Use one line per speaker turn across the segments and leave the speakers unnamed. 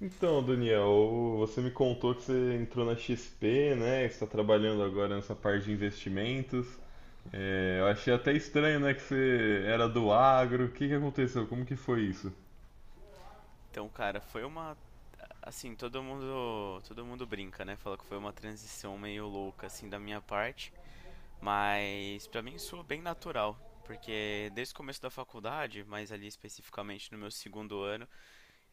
Então, Daniel, você me contou que você entrou na XP, né? que Você está trabalhando agora nessa parte de investimentos. É, eu achei até estranho, né, que você era do agro. O que que aconteceu? Como que foi isso?
Então, cara, foi uma. Assim, todo mundo brinca, né? Fala que foi uma transição meio louca, assim, da minha parte. Mas pra mim soa bem natural. Porque desde o começo da faculdade, mas ali especificamente no meu segundo ano,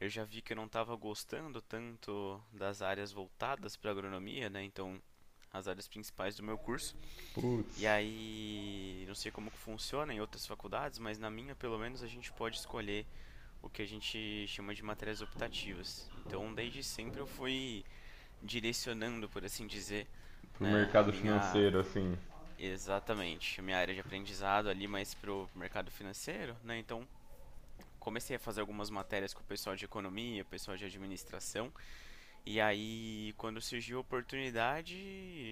eu já vi que eu não estava gostando tanto das áreas voltadas para agronomia, né? Então, as áreas principais do meu curso. E
Putz,
aí, não sei como que funciona em outras faculdades, mas na minha, pelo menos, a gente pode escolher o que a gente chama de matérias optativas. Então, desde sempre eu fui direcionando, por assim dizer,
pro
né, a
mercado
minha
financeiro, assim.
exatamente, a minha área de aprendizado ali mais pro mercado financeiro, né? Então, comecei a fazer algumas matérias com o pessoal de economia, pessoal de administração, e aí quando surgiu a oportunidade,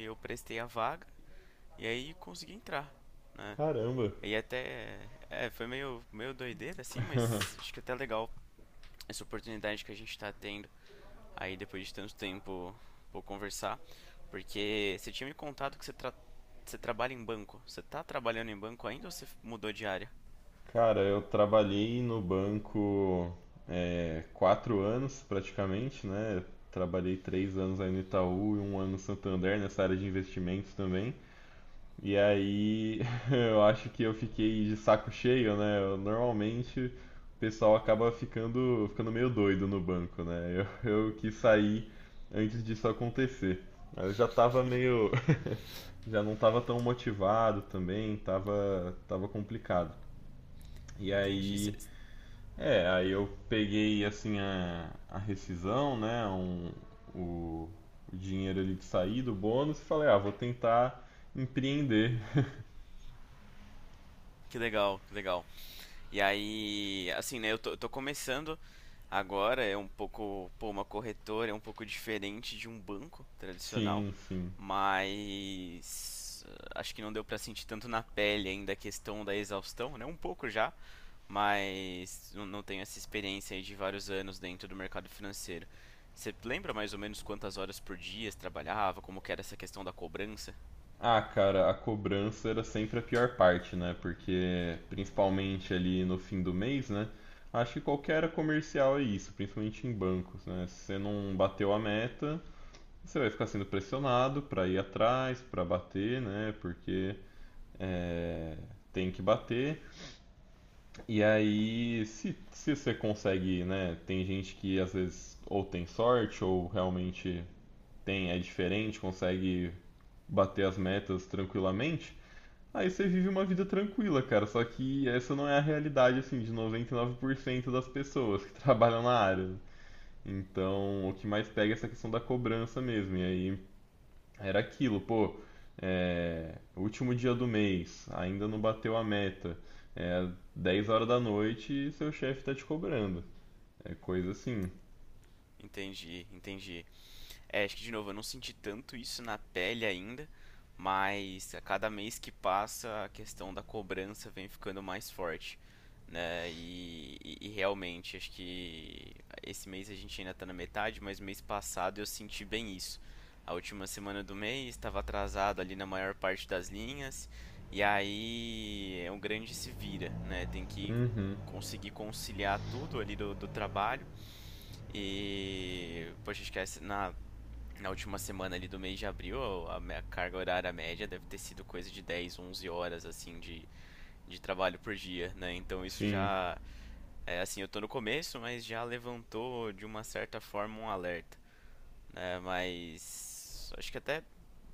eu prestei a vaga e aí consegui entrar, né?
Caramba.
E até foi meio doideira assim, mas acho que é até legal essa oportunidade que a gente está tendo aí depois de tanto tempo por conversar, porque você tinha me contado que você trabalha em banco. Você tá trabalhando em banco ainda ou você mudou de área?
Cara, eu trabalhei no banco quatro anos praticamente, né? Trabalhei três anos aí no Itaú e um ano no Santander, nessa área de investimentos também. E aí, eu acho que eu fiquei de saco cheio, né? Eu, normalmente o pessoal acaba ficando meio doido no banco, né? Eu, eu quis sair antes disso acontecer. Aí eu já tava meio, já não tava tão motivado também, tava complicado. E
Entendi. Você-
aí, aí eu peguei assim a rescisão, né? O, o dinheiro ali de sair do bônus e falei, ah, vou tentar empreender.
Que legal, que legal. E aí, assim, né, eu tô começando agora, é um pouco, pô, uma corretora é um pouco diferente de um banco tradicional,
Sim, sim.
mas acho que não deu pra sentir tanto na pele ainda a questão da exaustão, né? Um pouco já, mas não tenho essa experiência aí de vários anos dentro do mercado financeiro. Você lembra mais ou menos quantas horas por dia você trabalhava, como que era essa questão da cobrança?
Ah, cara, a cobrança era sempre a pior parte, né? Porque, principalmente ali no fim do mês, né? Acho que qualquer área comercial é isso, principalmente em bancos, né? Se você não bateu a meta, você vai ficar sendo pressionado para ir atrás, para bater, né? Porque é, tem que bater. E aí, se você consegue, né? Tem gente que às vezes ou tem sorte ou realmente tem, é diferente, consegue bater as metas tranquilamente, aí você vive uma vida tranquila, cara. Só que essa não é a realidade, assim, de 99% das pessoas que trabalham na área. Então, o que mais pega é essa questão da cobrança mesmo. E aí era aquilo, pô, último dia do mês, ainda não bateu a meta. É 10 horas da noite e seu chefe tá te cobrando. É coisa assim.
Entendi, entendi. É, acho que de novo, eu não senti tanto isso na pele ainda, mas a cada mês que passa a questão da cobrança vem ficando mais forte, né? E realmente, acho que esse mês a gente ainda está na metade, mas mês passado eu senti bem isso. A última semana do mês estava atrasado ali na maior parte das linhas, e aí é um grande se vira, né? Tem que
Uhum.
conseguir conciliar tudo ali do, do trabalho. E, poxa, acho que na última semana ali do mês de abril, a minha carga horária média deve ter sido coisa de 10, 11 horas, assim, de trabalho por dia, né? Então isso
Sim.
já, é, assim, eu tô no começo, mas já levantou de uma certa forma um alerta, né? Mas acho que até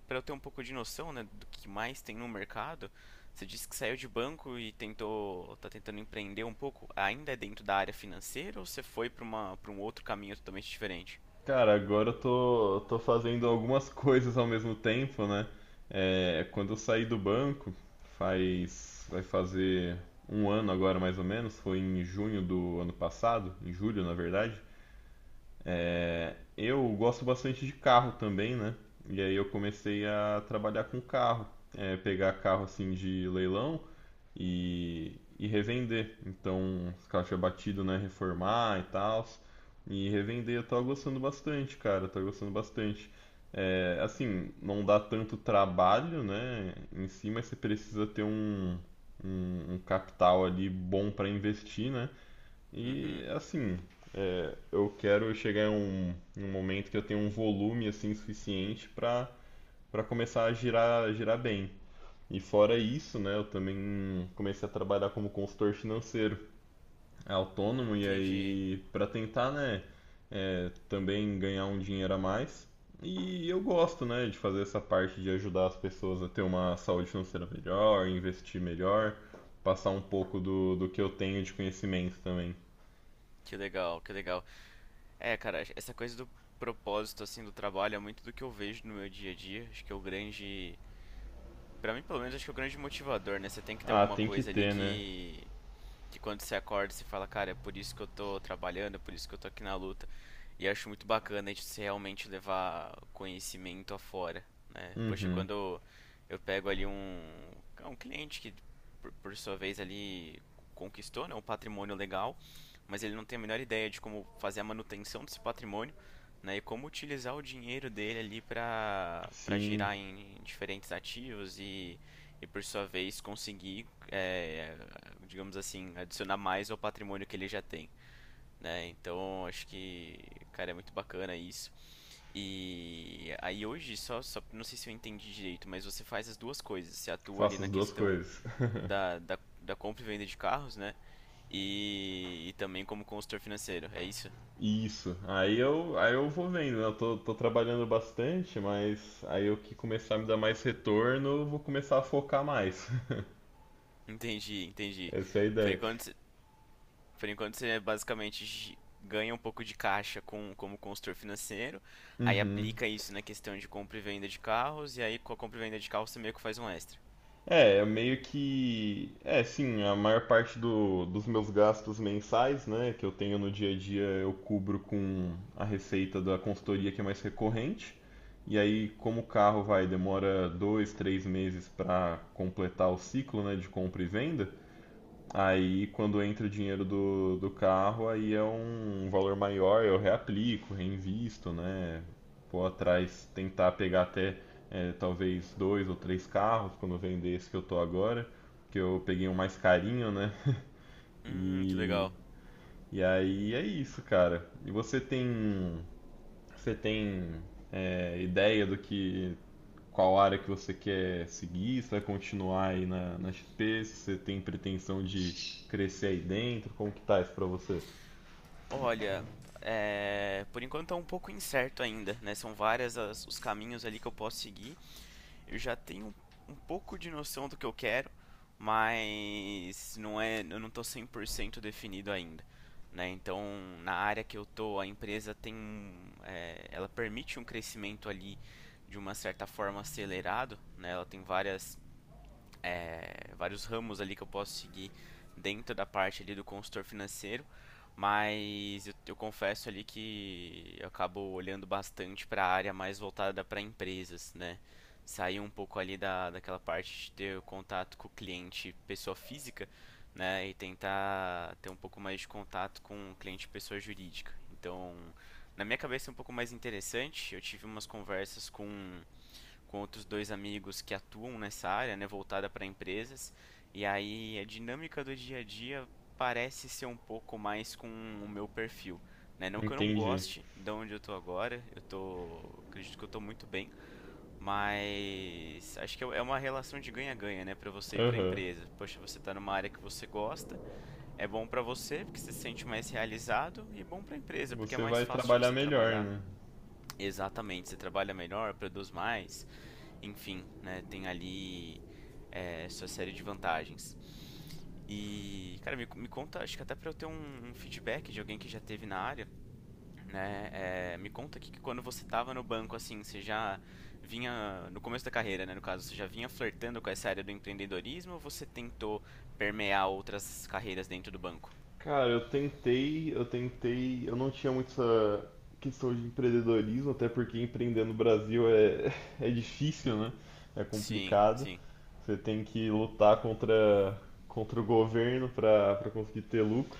para eu ter um pouco de noção, né, do que mais tem no mercado, você disse que saiu de banco e tentou, tá tentando empreender um pouco, ainda é dentro da área financeira ou você foi para uma, para um outro caminho totalmente diferente?
Cara, agora eu tô fazendo algumas coisas ao mesmo tempo, né? É, quando eu saí do banco, faz, vai fazer um ano agora mais ou menos, foi em junho do ano passado, em julho na verdade. É, eu gosto bastante de carro também, né? E aí eu comecei a trabalhar com carro, pegar carro assim de leilão e revender. Então, os caixa batido, né? Reformar e tal. E revender, eu tava gostando bastante, cara. Eu tava gostando bastante. É, assim, não dá tanto trabalho, né? Em si, mas você precisa ter um capital ali bom para investir, né? E
Uhum,
assim, eu quero chegar em em um momento que eu tenha um volume assim suficiente para para começar a girar, girar bem. E fora isso, né, eu também comecei a trabalhar como consultor financeiro autônomo e
entendi.
aí para tentar, né, também ganhar um dinheiro a mais. E eu gosto, né, de fazer essa parte de ajudar as pessoas a ter uma saúde financeira melhor, investir melhor, passar um pouco do, do que eu tenho de conhecimento também.
Que legal, que legal. É, cara, essa coisa do propósito, assim, do trabalho é muito do que eu vejo no meu dia a dia. Acho que é o grande. Pra mim, pelo menos, acho que é o grande motivador, né? Você tem que ter
Ah,
alguma
tem que
coisa ali
ter, né?
que quando você acorda você fala, cara, é por isso que eu tô trabalhando, é por isso que eu tô aqui na luta. E acho muito bacana a gente se realmente levar conhecimento afora, né? Poxa,
Uhum.
quando eu pego ali um, um cliente que, por sua vez, ali conquistou, né, um patrimônio legal, mas ele não tem a menor ideia de como fazer a manutenção desse patrimônio, né, e como utilizar o dinheiro dele ali para
Sim,
girar em diferentes ativos e por sua vez conseguir digamos assim, adicionar mais ao patrimônio que ele já tem. Né? Então acho que, cara, é muito bacana isso. E aí hoje, só não sei se eu entendi direito, mas você faz as duas coisas. Você atua ali
faço
na
as duas
questão
coisas.
da compra e venda de carros, né? E também como consultor financeiro, é isso?
Isso. Aí eu vou vendo, né? Eu tô trabalhando bastante, mas aí eu que começar a me dar mais retorno, eu vou começar a focar mais.
Entendi, entendi.
Essa é a
Por
ideia.
enquanto, Por enquanto você basicamente ganha um pouco de caixa como consultor financeiro, aí
Uhum.
aplica isso na questão de compra e venda de carros, e aí com a compra e venda de carros você meio que faz um extra.
É, eu meio que. É, sim, a maior parte dos meus gastos mensais, né, que eu tenho no dia a dia, eu cubro com a receita da consultoria que é mais recorrente. E aí, como o carro vai, demora dois, três meses para completar o ciclo, né, de compra e venda. Aí, quando entra o dinheiro do carro, aí é um valor maior, eu reaplico, reinvisto, né? Vou atrás tentar pegar até talvez dois ou três carros quando eu vender esse que eu tô agora, que eu peguei um mais carinho, né?
Que
E,
legal.
e aí é isso, cara. E você tem ideia do que qual área que você quer seguir, se vai continuar aí na, na XP, se você tem pretensão de crescer aí dentro, como que tá isso pra você?
Olha, por enquanto tá um pouco incerto ainda, né? São várias os caminhos ali que eu posso seguir. Eu já tenho um pouco de noção do que eu quero, mas não é, eu não estou 100% definido ainda, né? Então, na área que eu tô, a empresa tem, ela permite um crescimento ali de uma certa forma acelerado, né? Ela tem vários ramos ali que eu posso seguir dentro da parte ali do consultor financeiro, mas eu confesso ali que eu acabo olhando bastante para a área mais voltada para empresas, né? Sair um pouco ali daquela parte de ter contato com o cliente pessoa física, né? E tentar ter um pouco mais de contato com o cliente pessoa jurídica. Então, na minha cabeça é um pouco mais interessante. Eu tive umas conversas com outros dois amigos que atuam nessa área, né, voltada para empresas. E aí a dinâmica do dia a dia parece ser um pouco mais com o meu perfil. Né? Não que eu não
Entendi.
goste de onde eu tô agora, eu tô. Acredito que eu tô muito bem, mas acho que é uma relação de ganha-ganha, né? Para você e para a
Aham.
empresa. Poxa, você tá numa área que você gosta, é bom para você, porque você se sente mais realizado, e bom para a empresa, porque é
Você
mais
vai
fácil de
trabalhar
você
melhor,
trabalhar.
né?
Exatamente, você trabalha melhor, produz mais, enfim, né, tem ali sua série de vantagens. E, cara, me conta, acho que até para eu ter um, um feedback de alguém que já teve na área, né, me conta aqui que quando você tava no banco, assim, você já vinha, no começo da carreira, né, no caso, você já vinha flertando com essa área do empreendedorismo ou você tentou permear outras carreiras dentro do banco?
Cara, eu tentei, eu não tinha muito essa questão de empreendedorismo, até porque empreender no Brasil é, é difícil, né? É
Sim,
complicado.
sim.
Você tem que lutar contra, contra o governo para para conseguir ter lucro.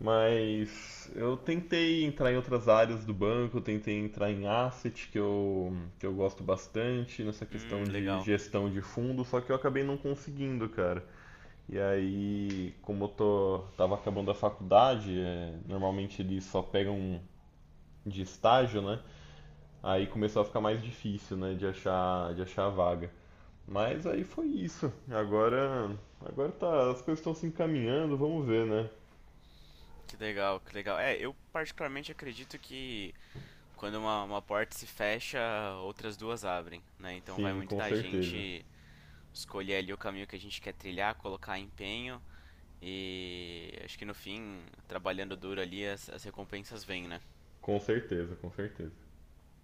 Mas eu tentei entrar em outras áreas do banco, eu tentei entrar em asset, que eu gosto bastante, nessa questão de
Legal.
gestão de fundo, só que eu acabei não conseguindo, cara. E aí, como eu tô, tava acabando a faculdade, é, normalmente eles só pegam de estágio, né? Aí começou a ficar mais difícil, né, de achar a vaga. Mas aí foi isso. Agora, agora tá, as coisas estão se encaminhando, vamos ver, né?
Que legal, que legal. Eu particularmente acredito que quando uma porta se fecha, outras duas abrem, né? Então vai
Sim,
muito
com
da
certeza.
gente escolher ali o caminho que a gente quer trilhar, colocar empenho e acho que no fim, trabalhando duro ali, as recompensas vêm, né?
Com certeza, com certeza.